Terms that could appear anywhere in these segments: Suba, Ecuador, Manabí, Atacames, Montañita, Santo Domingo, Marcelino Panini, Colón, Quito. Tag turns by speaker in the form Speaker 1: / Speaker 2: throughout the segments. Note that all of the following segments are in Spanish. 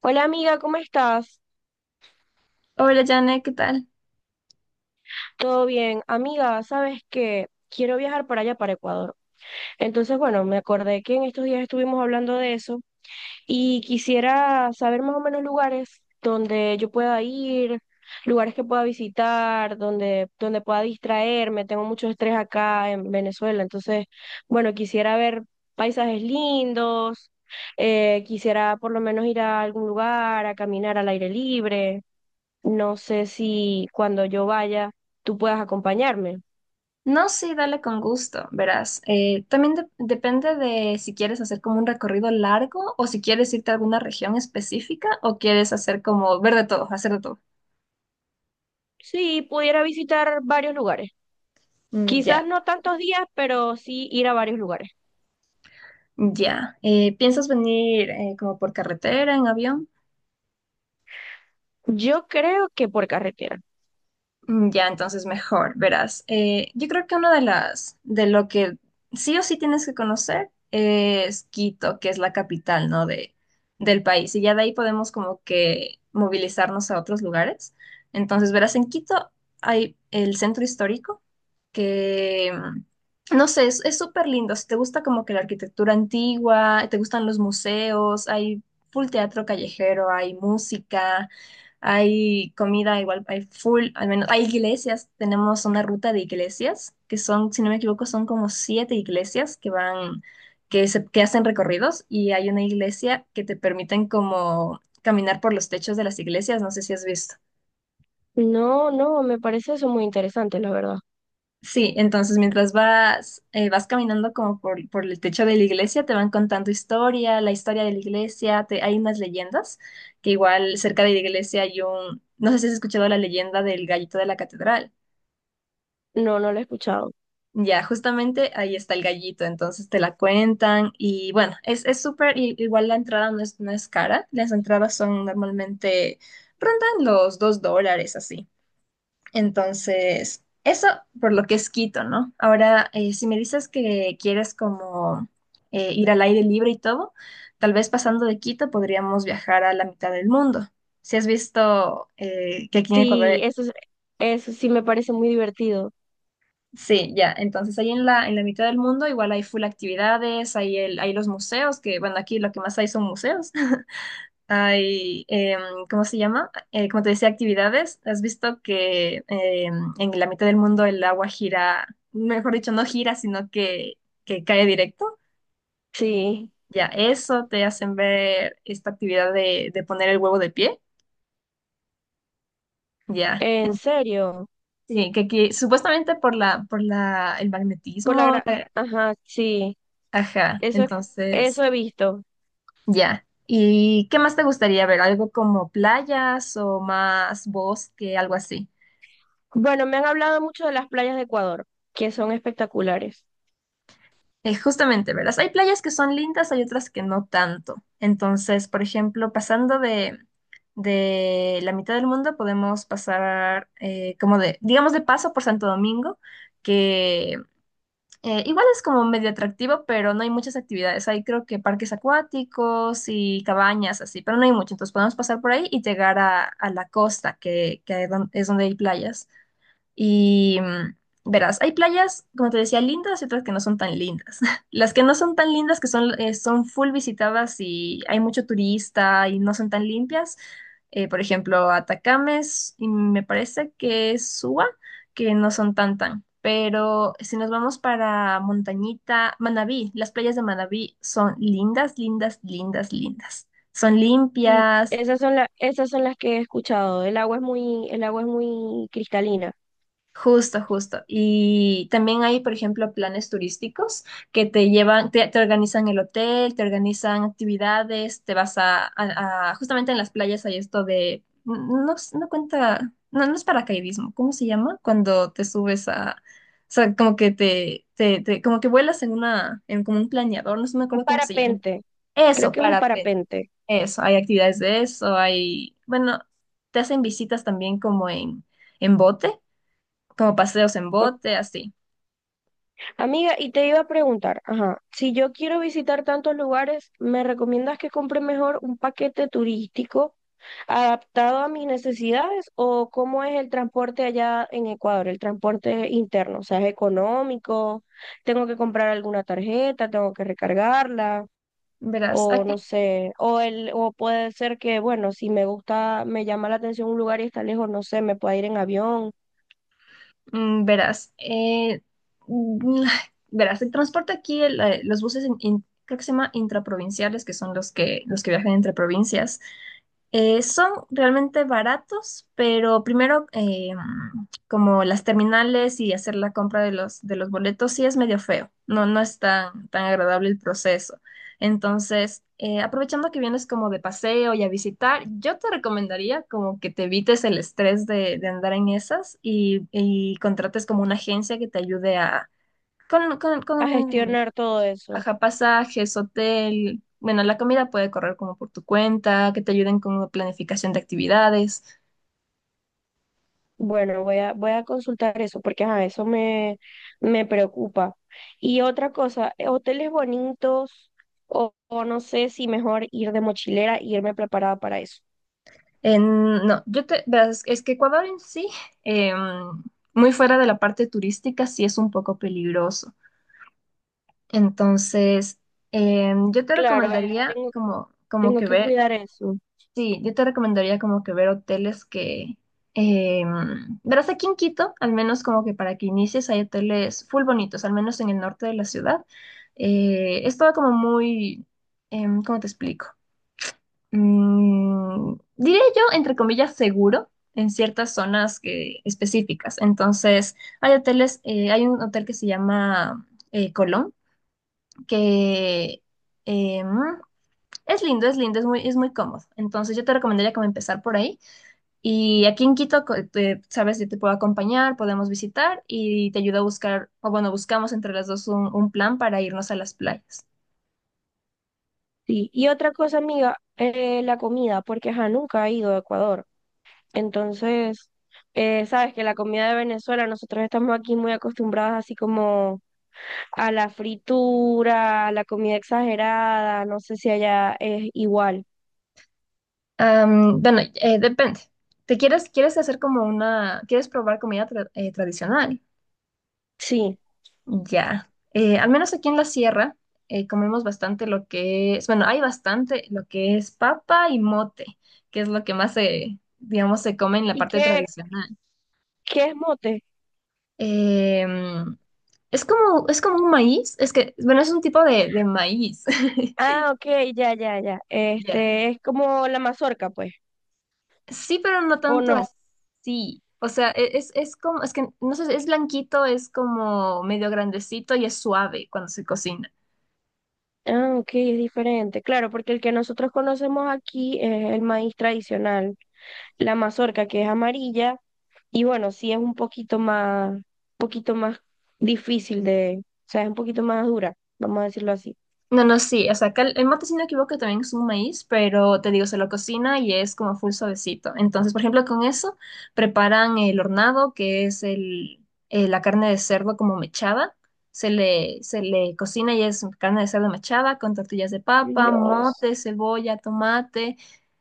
Speaker 1: Hola amiga, ¿cómo estás?
Speaker 2: Hola, Janet, ¿qué tal?
Speaker 1: ¿Todo bien? Amiga, ¿sabes qué? Quiero viajar para allá, para Ecuador. Entonces, bueno, me acordé que en estos días estuvimos hablando de eso y quisiera saber más o menos lugares donde yo pueda ir, lugares que pueda visitar, donde pueda distraerme. Tengo mucho estrés acá en Venezuela, entonces, bueno, quisiera ver paisajes lindos, quisiera por lo menos ir a algún lugar, a caminar al aire libre. No sé si cuando yo vaya tú puedas acompañarme.
Speaker 2: No, sí, dale con gusto, verás. También depende de si quieres hacer como un recorrido largo o si quieres irte a alguna región específica o quieres hacer como ver de todo, hacer de todo.
Speaker 1: Sí, pudiera visitar varios lugares.
Speaker 2: Mm,
Speaker 1: Quizás
Speaker 2: ya.
Speaker 1: no tantos días, pero sí ir a varios lugares.
Speaker 2: Ya. ¿Piensas venir como por carretera, en avión?
Speaker 1: Yo creo que por carretera.
Speaker 2: Mm, ya, entonces mejor, verás. Yo creo que una de lo que sí o sí tienes que conocer es Quito, que es la capital, ¿no? Del país. Y ya de ahí podemos como que movilizarnos a otros lugares. Entonces, verás, en Quito hay el centro histórico que, no sé, es súper lindo. Si te gusta como que la arquitectura antigua, te gustan los museos, hay full teatro callejero, hay música, hay comida, igual hay full, al menos hay iglesias. Tenemos una ruta de iglesias, que son, si no me equivoco, son como siete iglesias que van, que hacen recorridos y hay una iglesia que te permiten como caminar por los techos de las iglesias, no sé si has visto.
Speaker 1: No, no, me parece eso muy interesante, la verdad.
Speaker 2: Sí, entonces mientras vas, vas caminando como por el techo de la iglesia, te van contando historia, la historia de la iglesia, hay unas leyendas, que igual cerca de la iglesia no sé si has escuchado la leyenda del gallito de la catedral.
Speaker 1: No, no lo he escuchado.
Speaker 2: Ya, justamente ahí está el gallito, entonces te la cuentan y bueno, es súper, igual la entrada no es cara, las entradas son normalmente, rondan los $2 así. Entonces, eso por lo que es Quito, ¿no? Ahora, si me dices que quieres como ir al aire libre y todo, tal vez pasando de Quito podríamos viajar a la mitad del mundo. Si has visto que aquí en Ecuador,
Speaker 1: Sí, eso, eso sí me parece muy divertido.
Speaker 2: sí, ya, entonces ahí en la mitad del mundo igual hay full actividades, hay los museos, que bueno, aquí lo que más hay son museos. Hay, em, ¿Cómo se llama? Como te decía, actividades. ¿Has visto que en la mitad del mundo el agua gira, mejor dicho, no gira, sino que cae directo?
Speaker 1: Sí,
Speaker 2: Ya, eso te hacen ver esta actividad de poner el huevo de pie. Ya,
Speaker 1: en serio.
Speaker 2: Sí, que aquí, supuestamente el
Speaker 1: Por la
Speaker 2: magnetismo,
Speaker 1: gra...
Speaker 2: la-
Speaker 1: Ajá, sí,
Speaker 2: Ajá,
Speaker 1: eso es, eso
Speaker 2: entonces,
Speaker 1: he visto.
Speaker 2: ya. ¿Y qué más te gustaría ver? ¿Algo como playas o más bosque, algo así?
Speaker 1: Bueno, me han hablado mucho de las playas de Ecuador, que son espectaculares.
Speaker 2: Justamente, verás, hay playas que son lindas, hay otras que no tanto. Entonces, por ejemplo, pasando de la mitad del mundo, podemos pasar como de, digamos, de paso por Santo Domingo, que igual es como medio atractivo, pero no hay muchas actividades. Hay creo que parques acuáticos y cabañas así, pero no hay mucho. Entonces podemos pasar por ahí y llegar a la costa, que es es donde hay playas. Y verás, hay playas, como te decía, lindas y otras que no son tan lindas. Las que no son tan lindas, que son full visitadas y hay mucho turista y no son tan limpias. Por ejemplo, Atacames y me parece que es Suba, que no son tan tan. Pero si nos vamos para Montañita, Manabí, las playas de Manabí son lindas, lindas, lindas, lindas. Son
Speaker 1: Sí,
Speaker 2: limpias.
Speaker 1: esas son esas son las que he escuchado. El agua es el agua es muy cristalina.
Speaker 2: Justo, justo. Y también hay, por ejemplo, planes turísticos que te llevan, te organizan el hotel, te organizan actividades, te vas justamente en las playas hay esto de, no cuenta, no es paracaidismo, ¿cómo se llama? Cuando te subes o sea, como que te- como que vuelas en como un planeador, no sé, no me
Speaker 1: Un
Speaker 2: acuerdo cómo se llama.
Speaker 1: parapente, creo
Speaker 2: Eso,
Speaker 1: que es un
Speaker 2: parapente,
Speaker 1: parapente.
Speaker 2: eso, hay actividades de eso, hay, bueno, te hacen visitas también como en bote como paseos en
Speaker 1: Ok.
Speaker 2: bote, así.
Speaker 1: Amiga, y te iba a preguntar, ajá, si yo quiero visitar tantos lugares, ¿me recomiendas que compre mejor un paquete turístico adaptado a mis necesidades o cómo es el transporte allá en Ecuador, el transporte interno? O sea, ¿es económico? ¿Tengo que comprar alguna tarjeta? ¿Tengo que recargarla?
Speaker 2: Verás,
Speaker 1: O
Speaker 2: aquí,
Speaker 1: no sé, o puede ser que, bueno, si me gusta, me llama la atención un lugar y está lejos, no sé, me pueda ir en avión,
Speaker 2: mm, verás, mm, Verás, el transporte aquí, los buses, creo que se llama intraprovinciales, que son los que viajan entre provincias. Son realmente baratos, pero primero como las terminales y hacer la compra de los boletos sí es medio feo, no es tan, tan agradable el proceso. Entonces, aprovechando que vienes como de paseo y a visitar, yo te recomendaría como que te evites el estrés de andar en esas y contrates como una agencia que te ayude a,
Speaker 1: a
Speaker 2: con
Speaker 1: gestionar todo eso.
Speaker 2: Ajá, pasajes, hotel. Bueno, la comida puede correr como por tu cuenta, que te ayuden con planificación de actividades.
Speaker 1: Bueno, voy a consultar eso porque ajá, me preocupa. Y otra cosa, hoteles bonitos, o no sé si mejor ir de mochilera y irme preparada para eso.
Speaker 2: No, verás, es que Ecuador en sí, em, muy fuera de la parte turística, sí es un poco peligroso. Entonces, yo te
Speaker 1: Claro,
Speaker 2: recomendaría como, como
Speaker 1: tengo
Speaker 2: que
Speaker 1: que
Speaker 2: ver
Speaker 1: cuidar eso.
Speaker 2: sí, yo te recomendaría como que ver hoteles que... eh, Verás, aquí en Quito, al menos como que para que inicies, hay hoteles full bonitos, al menos en el norte de la ciudad. Es todo como muy. ¿Cómo te explico? Diré yo, entre comillas, seguro en ciertas zonas específicas. Entonces, hay un hotel que se llama Colón, que... em, es lindo, es lindo, es muy cómodo. Entonces yo te recomendaría como empezar por ahí. Y aquí en Quito, sabes, yo te puedo acompañar, podemos visitar y te ayudo a buscar, o bueno, buscamos entre las dos un plan para irnos a las playas.
Speaker 1: Sí. Y otra cosa, amiga, la comida, porque ajá, nunca he ido a Ecuador. Entonces, sabes que la comida de Venezuela, nosotros estamos aquí muy acostumbrados así como a la fritura, a la comida exagerada, no sé si allá es igual.
Speaker 2: Bueno, depende. ¿Te quieres, quieres hacer como una, quieres probar comida tradicional?
Speaker 1: Sí.
Speaker 2: Ya. Al menos aquí en la sierra comemos bastante lo que es, bueno, hay bastante lo que es papa y mote, que es lo que más se, digamos, se come en la
Speaker 1: ¿Y
Speaker 2: parte
Speaker 1: qué,
Speaker 2: tradicional.
Speaker 1: qué es mote?
Speaker 2: Em, es como, un maíz, es que, bueno, es un tipo de maíz.
Speaker 1: Ah, ok, ya, ya, ya.
Speaker 2: Ya.
Speaker 1: Este, es como la mazorca, pues,
Speaker 2: Sí, pero no
Speaker 1: ¿o
Speaker 2: tanto
Speaker 1: no?
Speaker 2: así. O sea, es como, es que, no sé, es blanquito, es como medio grandecito y es suave cuando se cocina.
Speaker 1: Ah, ok, es diferente. Claro, porque el que nosotros conocemos aquí es el maíz tradicional, la mazorca que es amarilla y bueno, sí es un poquito más difícil de, o sea, es un poquito más dura, vamos a decirlo así.
Speaker 2: No, no, sí, o sea, acá el mate, si no me equivoco, también es un maíz, pero te digo, se lo cocina y es como full suavecito. Entonces, por ejemplo, con eso preparan el hornado, que es la carne de cerdo como mechada. Se le cocina y es carne de cerdo mechada con tortillas de papa,
Speaker 1: Dios,
Speaker 2: mote, cebolla, tomate.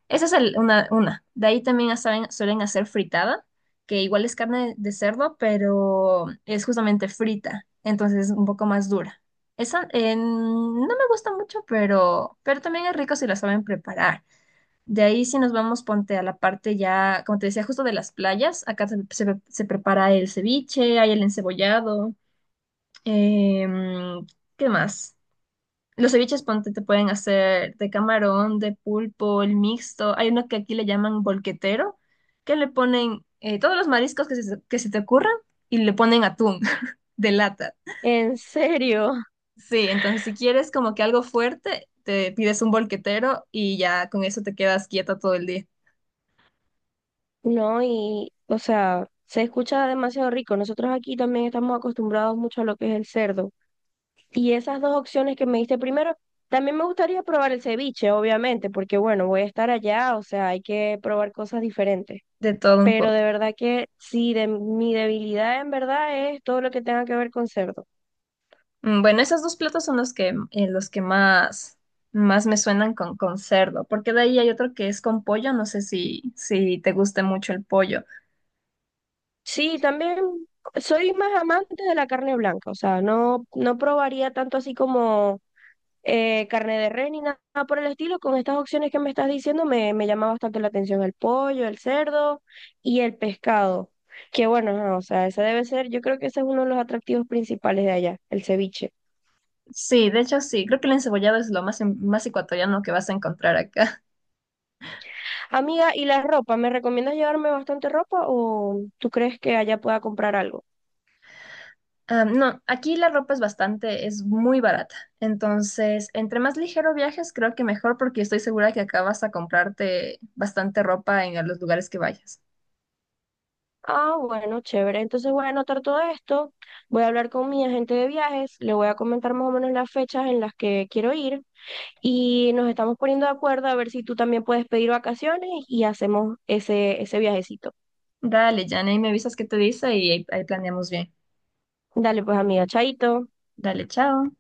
Speaker 2: Esa es una. De ahí también suelen hacer fritada, que igual es carne de cerdo, pero es justamente frita, entonces es un poco más dura. Esa no me gusta mucho, pero también es rico si la saben preparar. De ahí si nos vamos, ponte a la parte ya, como te decía, justo de las playas, acá se prepara el ceviche, hay el encebollado, em, ¿qué más? Los ceviches, ponte, te pueden hacer de camarón, de pulpo, el mixto. Hay uno que aquí le llaman bolquetero, que le ponen todos los mariscos que se te ocurran y le ponen atún de lata.
Speaker 1: ¿en serio?
Speaker 2: Sí, entonces si quieres como que algo fuerte, te pides un bolquetero y ya con eso te quedas quieta todo el día,
Speaker 1: No, y, o sea, se escucha demasiado rico. Nosotros aquí también estamos acostumbrados mucho a lo que es el cerdo. Y esas dos opciones que me diste primero, también me gustaría probar el ceviche, obviamente, porque bueno, voy a estar allá, o sea, hay que probar cosas diferentes.
Speaker 2: de todo un
Speaker 1: Pero
Speaker 2: poco.
Speaker 1: de verdad que sí, de, mi debilidad en verdad es todo lo que tenga que ver con cerdo.
Speaker 2: Bueno, esos dos platos son los que más me suenan con cerdo, porque de ahí hay otro que es con pollo, no sé si te guste mucho el pollo.
Speaker 1: Sí, también soy más amante de la carne blanca, o sea, no, no probaría tanto así como carne de res ni nada por el estilo. Con estas opciones que me estás diciendo me llama bastante la atención el pollo, el cerdo y el pescado. Que bueno, ajá, o sea, ese debe ser, yo creo que ese es uno de los atractivos principales de allá, el ceviche.
Speaker 2: Sí, de hecho sí, creo que el encebollado es lo más ecuatoriano que vas a encontrar acá.
Speaker 1: Amiga, ¿y la ropa? ¿Me recomiendas llevarme bastante ropa o tú crees que allá pueda comprar algo?
Speaker 2: Ah, no, aquí la ropa es muy barata. Entonces, entre más ligero viajes, creo que mejor porque estoy segura que acá vas a comprarte bastante ropa en los lugares que vayas.
Speaker 1: Ah, bueno, chévere. Entonces voy a anotar todo esto, voy a hablar con mi agente de viajes, le voy a comentar más o menos las fechas en las que quiero ir y nos estamos poniendo de acuerdo a ver si tú también puedes pedir vacaciones y hacemos ese viajecito.
Speaker 2: Dale, Jane, ahí me avisas qué te dice y ahí planeamos bien.
Speaker 1: Dale pues amiga, chaito.
Speaker 2: Dale, chao.